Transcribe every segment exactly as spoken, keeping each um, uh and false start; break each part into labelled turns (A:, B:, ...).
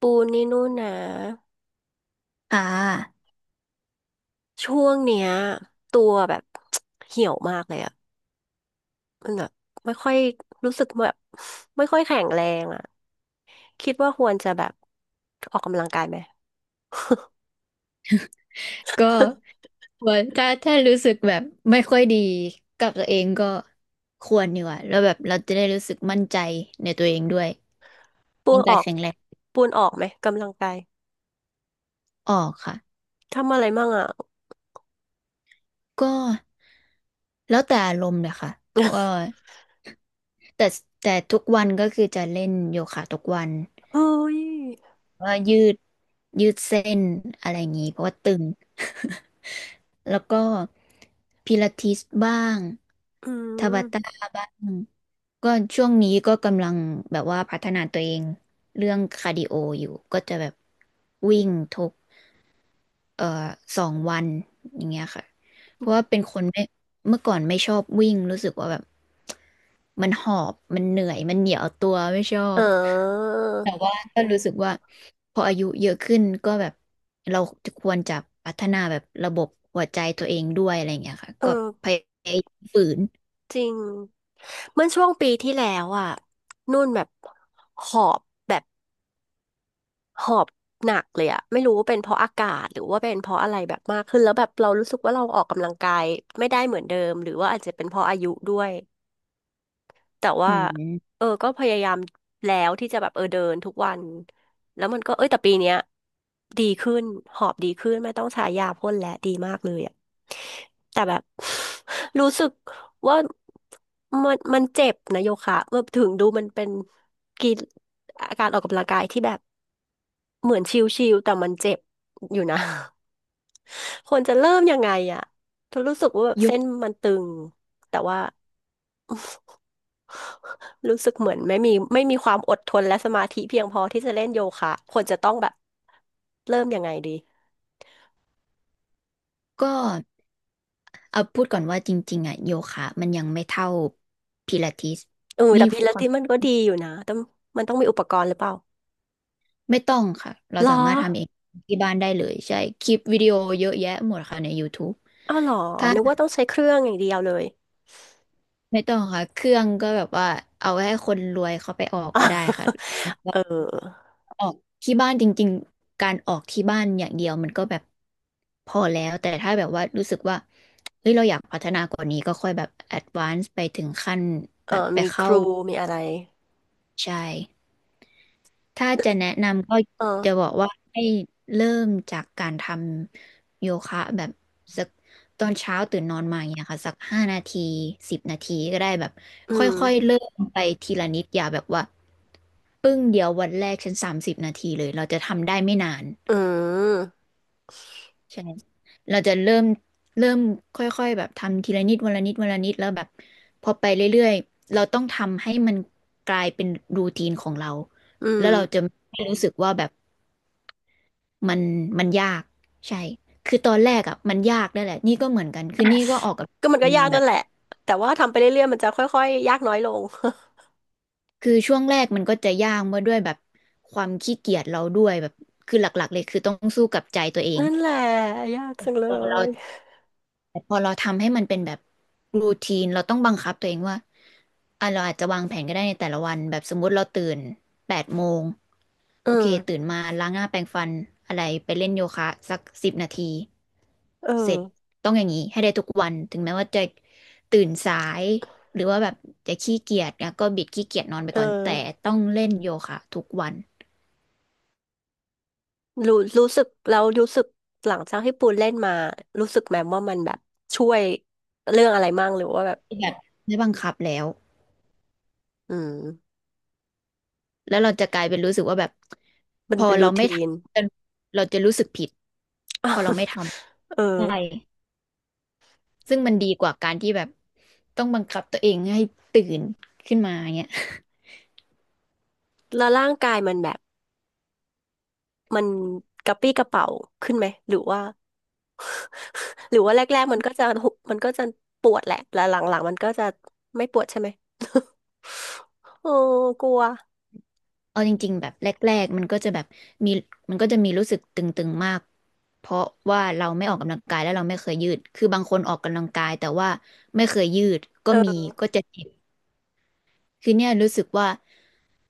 A: ปูนี่นู่นนะ
B: อ่า
A: ช่วงเนี้ยตัวแบบ เหี่ยวมากเลยอะมันแบบไม่ค่อยรู้สึกแบบไม่ค่อยแข็งแรงอะคิดว่าควรจะแบบออกกำลังกายไหม
B: ก็ควรถ้าถ้ารู้สึกแบบไม่ค่อยดีกับตัวเองก็ควรดีกว่าแล้วแบบเราจะได้รู้สึกมั่นใจในตัวเองด้วย
A: ปู
B: มั่
A: น
B: นใจ
A: ออก
B: แข็งแรง
A: ปูนออกไหมกำลังกาย
B: ออกค่ะ
A: ทำอะไรมั่งอะ
B: ก็แล้วแต่อารมณ์เลยค่ะว่าแต่แต่ทุกวันก็คือจะเล่นโยคะทุกวัน
A: เฮ้ย
B: ว่ายืดยืดเส้นอะไรอย่างนี้เพราะว่าตึง แล้วก็พิลาทิสบ้าง
A: อื
B: ทาบาตา
A: ม
B: บ้างก็ช่วงนี้ก็กำลังแบบว่าพัฒนาตัวเองเรื่องคาร์ดิโออยู่ก็จะแบบวิ่งทุกเอ่อสองวันอย่างเงี้ยค่ะเพราะว่าเป็นคนไม่เมื่อก่อนไม่ชอบวิ่งรู้สึกว่าแบบมันหอบมันเหนื่อยมันเหนียวตัวไม่ชอ
A: เอ
B: บ
A: อ
B: แต่ว่าก็รู้สึกว่าพออายุเยอะขึ้นก็แบบเราจะควรจะพัฒนาแบบระบบหัวใจตัวเองด้วยอะไรอย่างเงี้ยค่ะ
A: เอ
B: ก็พ
A: อ
B: ยายามฝืน
A: จริงเมื่อช่วงปีที่แล้วอะนุ่นแบบหอบแบบ หอบหนักเลยอะไม่รู้ว่าเป็นเพราะอากาศหรือว่าเป็นเพราะอะไรแบบมากขึ้นแล้วแบบเรารู้สึกว่าเราออกกำลังกายไม่ได้เหมือนเดิมหรือว่าอาจจะเป็นเพราะอายุด้วยแต่
B: อื
A: ว่า
B: ม
A: เออก็พยายามแล้วที่จะแบบเออเดินทุกวันแล้วมันก็เอ้ยแต่ปีเนี้ยดีขึ้นหอบดีขึ้นไม่ต้องใช้ยาพ่นแล้ดีมากเลยอะแต่แบบ รู้สึกว่ามันมันเจ็บนะโยคะเมื่อถึงดูมันเป็นกีฬาการออกกำลังกายที่แบบ เหมือนชิลๆแต่มันเจ็บอยู่นะ ควรจะเริ่มยังไงอ่ะรู้สึกว่าแบบ
B: โย
A: เส้นมันตึงแต่ว่า รู้สึกเหมือนไม่มีไม่มีความอดทนและสมาธิเพียงพอที่จะเล่นโยคะควรจะต้องแบบเริ่มยังไงดี
B: ก็เอาพูดก่อนว่าจริงๆอ่ะโยคะมันยังไม่เท่าพิลาทิส
A: เออ
B: นี่
A: แต่พิลา
B: ควา
A: ทิ
B: ม
A: สมันก็ดีอยู่นะแต่มันต้องมีอุปกรณ์หรือเปล่า
B: ไม่ต้องค่ะเรา
A: หรอ
B: สามารถทำเองที่บ้านได้เลยใช่คลิปวิดีโอเยอะแยะหมดค่ะใน YouTube
A: อ้าวหรอ
B: ถ้า
A: นึกว่าต้องใช้เครื่องอย่างเดียวเลย
B: ไม่ต้องค่ะเครื่องก็แบบว่าเอาไว้ให้คนรวยเขาไปออกก็ได้ค่ะ
A: เออ
B: ออกที่บ้านจริงๆ การออกที่บ้านอย่างเดียวมันก็แบบพอแล้วแต่ถ้าแบบว่ารู้สึกว่าเฮ้ยเราอยากพัฒนากว่านี้ก็ค่อยแบบแอดวานซ์ไปถึงขั้น
A: เอ
B: แบ
A: อ
B: บไป
A: มีค
B: เข้า
A: รูมีอะไร
B: ใช่ถ้าจะแนะนำก็จะ
A: เออ
B: บอกว่าให้เริ่มจากการทำโยคะแบบสักตอนเช้าตื่นนอนมาอย่างเงี้ยค่ะสักห้านาทีสิบนาทีก็ได้แบบ
A: อื
B: ค
A: ม
B: ่อยๆเริ่มไปทีละนิดอย่าแบบว่าปึ้งเดียววันแรกฉันสามสิบนาทีเลยเราจะทำได้ไม่นาน
A: อืม
B: ใช่เราจะเริ่มเริ่มค่อยๆแบบทำทีละนิดวันละนิดวันละนิดแล้วแบบพอไปเรื่อยๆเราต้องทำให้มันกลายเป็นรูทีนของเรา
A: อื
B: แล้
A: ม
B: วเราจะไม่รู้สึกว่าแบบมันมันยากใช่คือตอนแรกอ่ะมันยากนั่นแหละนี่ก็เหมือนกันคือนี่ก็ออกกับ
A: ก็มันก็ยา
B: มา
A: ก
B: แบ
A: นั่
B: บ
A: นแหละ แต่ว่าทำไปเรื่อยๆมันจะค่อยๆยากน้อยลง
B: คือช่วงแรกมันก็จะยากมาด้วยแบบความขี้เกียจเราด้วยแบบคือหลักๆเลยคือต้องสู้กับใจตัวเอ ง
A: นั่นแหละยากจังเล
B: พอเรา
A: ย
B: พอเราทำให้มันเป็นแบบรูทีนเราต้องบังคับตัวเองว่าอ่ะเราอาจจะวางแผนก็ได้ในแต่ละวันแบบสมมุติเราตื่นแปดโมง
A: เออ
B: โอเคตื่นมาล้างหน้าแปรงฟันอะไรไปเล่นโยคะสักสิบนาที
A: เออ
B: เสร็จต้องอย่างนี้ให้ได้ทุกวันถึงแม้ว่าจะตื่นสายหรือว่าแบบจะขี้เกียจนะก็บิดขี้เกียจนอนไป
A: เอ
B: ก่อนแต่
A: อ
B: ต้องเล่นโยคะทุกวัน
A: รู้รู้สึกแล้วรู้สึกหลังจากที่ปูนเล่นมารู้สึกแมมว่ามันแบบช่วยเรื่องอะไรมั่งหรือว่าแบบ
B: แบบไม่บังคับแล้ว
A: อืม
B: แล้วเราจะกลายเป็นรู้สึกว่าแบบ
A: มั
B: พ
A: น
B: อ
A: เป็น
B: เรา
A: รู
B: ไม่
A: ที
B: ท
A: น
B: ำเราจะรู้สึกผิดพอเราไม่ท
A: เออ
B: ใช่ำซึ่งมันดีกว่าการที่แบบต้องบังคับตัวเองให้ตื่นขึ้นมาเงี้ย
A: แล้วร่างกายมันแบบมันกระปรี้กระเป๋าขึ้นไหมหรือว่าหรือว่าแรกๆมันก็จะหุมันก็จะปวดแหละแล้วหลังๆมันก็จะไม่ปวดใช่ไหมโอ้กลัว
B: เอาจริงๆแบบแรกๆมันก็จะแบบมีมันก็จะมีรู้สึกตึงๆมากเพราะว่าเราไม่ออกกำลังกายแล้วเราไม่เคยยืดคือบางคนออกกำลังกายแต่ว่าไม่เคยยืดก็
A: เอ
B: มี
A: อ
B: ก็จะเจ็บ คือเนี่ยรู้สึกว่า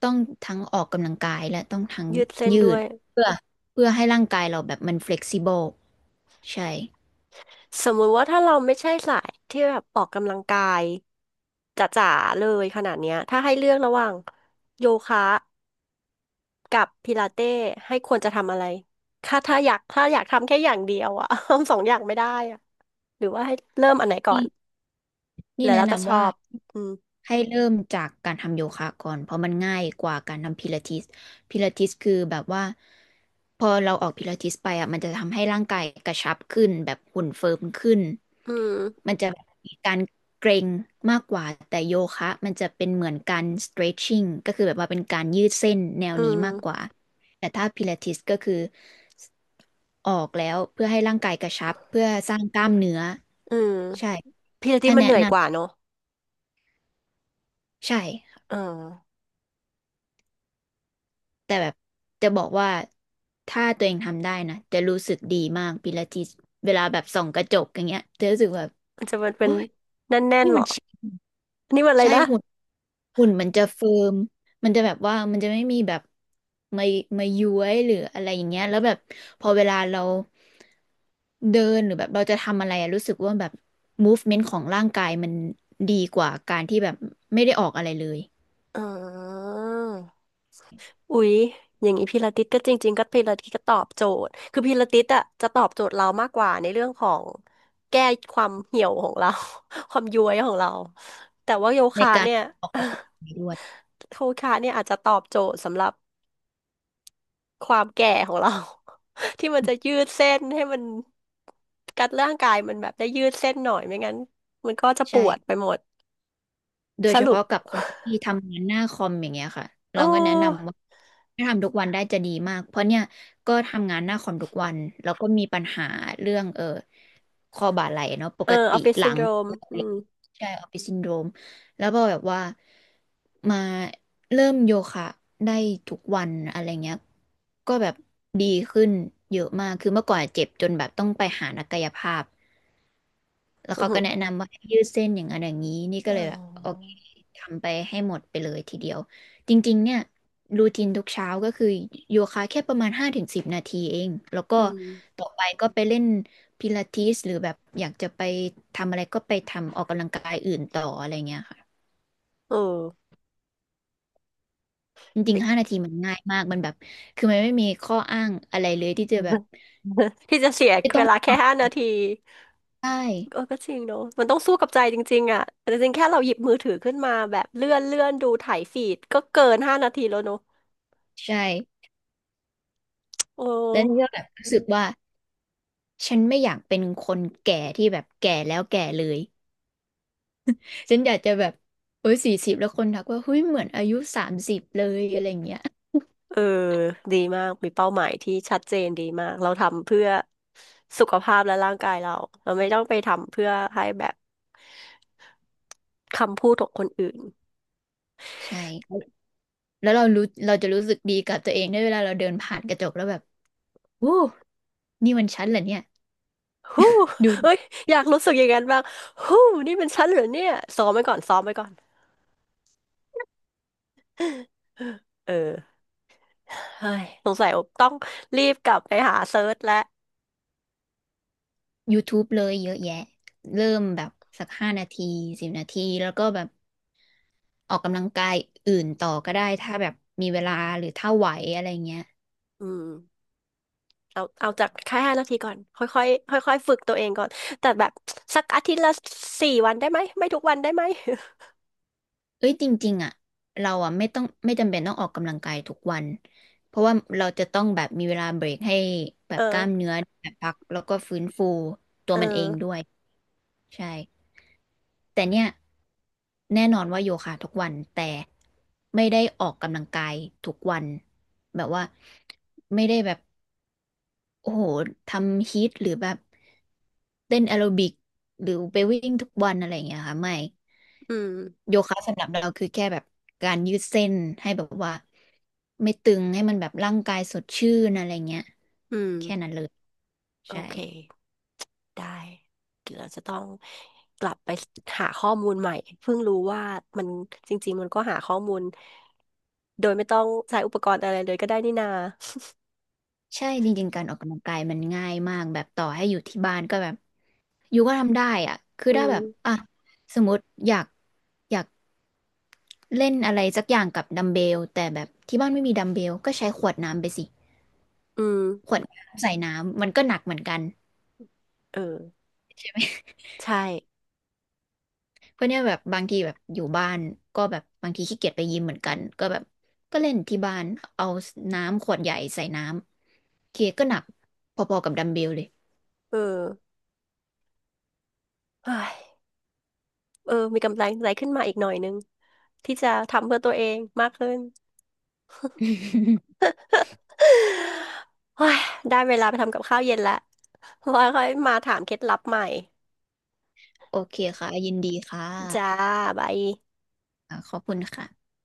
B: ต้องทั้งออกกำลังกายและต้องทั้ง
A: ยืดเส้น
B: ยื
A: ด้ว
B: ด
A: ย
B: เพื่อเพื่อให้ร่างกายเราแบบมัน flexible ใช่
A: สมมุติว่าถ้าเราไม่ใช่สายที่แบบออกกำลังกายจ๋าๆเลยขนาดเนี้ยถ้าให้เลือกระหว่างโยคะกับพิลาเต้ให้ควรจะทำอะไรถ้าถ้าอยากถ้าอยากทำแค่อย่างเดียวอะ ทำสองอย่างไม่ได้อะหรือว่าให้เริ่มอันไหนก่อ
B: นี่
A: น
B: นี่
A: แล้ว
B: แนะ
A: เราจะช
B: นำ
A: อ
B: ว่า
A: บอืม
B: ให้เริ่มจากการทำโยคะก่อนเพราะมันง่ายกว่าการทำพิลาทิสพิลาทิสคือแบบว่าพอเราออกพิลาทิสไปอ่ะมันจะทำให้ร่างกายกระชับขึ้นแบบหุ่นเฟิร์มขึ้น
A: อืม
B: มันจะมีการเกร็งมากกว่าแต่โยคะมันจะเป็นเหมือนการ stretching ก็คือแบบว่าเป็นการยืดเส้นแนว
A: อื
B: นี้มากก
A: ม
B: ว่าแต่ถ้าพิลาทิสก็คือออกแล้วเพื่อให้ร่างกายกระชับเพื่อสร้างกล้ามเนื้อ
A: อืม
B: ใช่
A: พิลาต้
B: ถ้า
A: มัน
B: แนะ
A: เหนื่อย
B: น
A: กว่าเนอะ
B: ำใช่
A: เออ
B: แต่แบบจะบอกว่าถ้าตัวเองทำได้นะจะรู้สึกดีมากปิลาทิสเวลาแบบส่องกระจกอย่างเงี้ยจะรู้สึกแบบ
A: มันจะเป็นเป็
B: โอ้
A: น
B: ย
A: แน่น
B: นี่
A: ๆหร
B: มั
A: อ
B: นใช่
A: อันนี่มันอะไร
B: ใช่
A: นะ
B: หุ่นหุ่นมันจะเฟิร์มมันจะแบบว่ามันจะไม่มีแบบมามาย้วยหรืออะไรอย่างเงี้ยแล้วแบบพอเวลาเราเดินหรือแบบเราจะทำอะไรอะรู้สึกว่าแบบม o ฟเมน n ์ของร่างกายมันดีกว่าการที่แบบไม่ได้ออกอะไรเลย
A: อออ อุ๊ยอย่างนี้พิลาทิสก็จริงๆก็พิลาทิสก็ตอบโจทย์คือพิลาทิสอ่ะจะตอบโจทย์เรามากกว่าในเรื่องของแก้ความเหี่ยวของเรา ความย้วยของเราแต่ว่าโย
B: ใน
A: คะ
B: การ
A: เนี่ย
B: ออกกำลังกายด้วย
A: โยคะเนี่ยอาจจะตอบโจทย์สำหรับความแก่ของเรา ที่มันจะยืดเส้นให้มันกัดร่างกายมันแบบได้ยืดเส้นหน่อยไม่งั้นมันก็จะปวดไป
B: ใช่
A: หมด
B: โดย
A: ส
B: เฉ
A: รุป
B: พาะกับคนที่ ทำงานหน้าคอมอย่างเงี้ยค่ะ
A: โอ
B: เราก็แนะ
A: ้
B: นำว่าถ้าทำทุกวันได้จะดีมากเพราะเนี่ยก็ทำงานหน้าคอมทุกวันแล้วก็มีปัญหาเรื่องเออคอบ่าไหล่เนาะป
A: เออ
B: ก
A: อ
B: ติ
A: อฟฟิศ
B: หลั
A: ซินโด
B: ง
A: รมอืม
B: ใช่ออฟฟิศซินโดรมแล้วพอแบบว่ามาเริ่มโยคะได้ทุกวันอะไรเงี้ยก็แบบดีขึ้นเยอะมากคือเมื่อก่อนเจ็บจนแบบต้องไปหานักกายภาพ แล้ว
A: อือ
B: เขา
A: หื
B: ก็
A: อ
B: แนะนำว่าให้ยืดเส้นอย่างนั้นอย่างนี้นี่ก็
A: อ๋
B: เล
A: อ
B: ยแบบโอเคทำไปให้หมดไปเลยทีเดียวจริงๆเนี่ยรูทีนทุกเช้าก็คือโยคะแค่ประมาณห้าถึงสิบนาทีเองแล้วก็
A: อืม
B: ต่อไปก็ไปเล่นพิลาทิสหรือแบบอยากจะไปทำอะไรก็ไปทำออกกำลังกายอื่นต่ออะไรเงี้ยค่ะ
A: เออ
B: จริงๆห้านาทีมันง่ายมากมันแบบคือมันไม่มีข้ออ้างอะไรเลยที่จะแบบ
A: ที่จะเสียเวลาแค่ห้านาที
B: ใช่
A: เออก็จริงเนอะมันต้องสู้กับใจจริงๆอ่ะแต่จริงๆแค่เราหยิบมือถือขึ้นมาแบบเลื่อนเลื่อนดูถ่ายฟีดก็เกินห้านาทีแล้วเนอะ
B: ใช่
A: โอ้
B: แล้วนี่ก็แบบรู้สึกว่าฉันไม่อยากเป็นคนแก่ที่แบบแก่แล้วแก่เลย ฉันอยากจะแบบเอ้ยสี่สิบแล้วคนทักว่า เฮ้ยเหมือนอายุสามสิบเลยอะไรอย่างเงี้ย
A: เออดีมากมีเป้าหมายที่ชัดเจนดีมากเราทำเพื่อสุขภาพและร่างกายเราเราไม่ต้องไปทำเพื่อให้แบบคำพูดของคนอื่น
B: ใช่ แล้วเรารู้เราจะรู้สึกดีกับตัวเองได้เวลาเราเดินผ่านกระจกแล้วแบบโอ้นี่มันฉันเหรอเนี่ย
A: ฮู้
B: ดู
A: เอ้ยอยากรู้สึกอย่างนั้นบ้างฮู้นี่เป็นฉันเหรอเนี่ยซ้อมไว้ก่อนซ้อมไว้ก่อนเออ เฮ้ยสงสัยต้องรีบกลับไปหาเซิร์ชแล้ว
B: ยูทูบ เลยเยอะแยะเริ่มแบบสักห้านาทีสิบนาทีแล้วก็แบบออกกำลังกายอื่นต่อก็ได้ถ้าแบบมีเวลาหรือถ้าไหวอะไรเงี้ย
A: อืมเอาเอาจากแค่ห้านาทีก่อนค่อยค่อยค่อยค่อยๆฝึกตัวเองก่อนแต่แบบสักอาทิตย์ละสี่วันได้ไหมไม่ทุกวันได้ไหม
B: เอ้ยจริงๆอ่ะเราอ่ะไม่ต้องไม่จำเป็นต้องออกกำลังกายทุกวันเพราะว่าเราจะต้องแบบมีเวลาเบรกให้ แบ
A: เอ
B: บก
A: อ
B: ล้ามเนื้อแบบพักแล้วก็ฟื้นฟูตั
A: เ
B: วมันเอง
A: ออ
B: ด้วยใช่แต่เนี่ยแน่นอนว่าโยคะทุกวันแต่ไม่ได้ออกกำลังกายทุกวันแบบว่าไม่ได้แบบโอ้โหทำฮีทหรือแบบเต้นแอโรบิกหรือไปวิ่งทุกวันอะไรอย่างเงี้ยค่ะไม่
A: อืม
B: โยคะสำหรับเราคือแค่แบบการยืดเส้นให้แบบว่าไม่ตึงให้มันแบบร่างกายสดชื่นอะไรเงี้ย
A: อืม
B: แค่นั้นเลย
A: โอ
B: ใช่
A: เคได้เดี๋ยวเราจะต้องกลับไปหาข้อมูลใหม่เพิ่งรู้ว่ามันจริงๆมันก็หาข้อมูลโดยไม่ต้องใช้อุปกรณ์อะไรเลยก็ได้นี่นา
B: ใช่จริงๆการออกกำลังกายมันง่ายมากแบบต่อให้อยู่ที่บ้านก็แบบอยู่ก็ทำได้อ่ะคือ
A: อื
B: ได้
A: ม
B: แบบอ่ะสมมติอยากอยากเล่นอะไรสักอย่างกับดัมเบลแต่แบบที่บ้านไม่มีดัมเบลก็ใช้ขวดน้ำไปสิ
A: อืม
B: ขวดน้ำใส่น้ำมันก็หนักเหมือนกัน
A: เออใช่
B: เพราะเนี่ยแบบบางทีแบบอยู่บ้านก็แบบบางทีขี้เกียจไปยิมเหมือนกันก็แบบก็เล่นที่บ้านเอาน้ำขวดใหญ่ใส่น้ำโอเคก็หนักพอๆกับดัมเบลเลย
A: เออเฮ้ย เออมีกำลังใจขึ้นมาอีกหน่อยนึงที่จะทำเพื่อตัวเองมากขึ้น โอ้ยได้เวลาไปทำกับข้าวเย็นละไว้ค่อยมาถามเคล็ดลับใหม่
B: โอเคค่ะยินดีค่ะ
A: จ้าบาย
B: อ่าขอบคุณค่ะ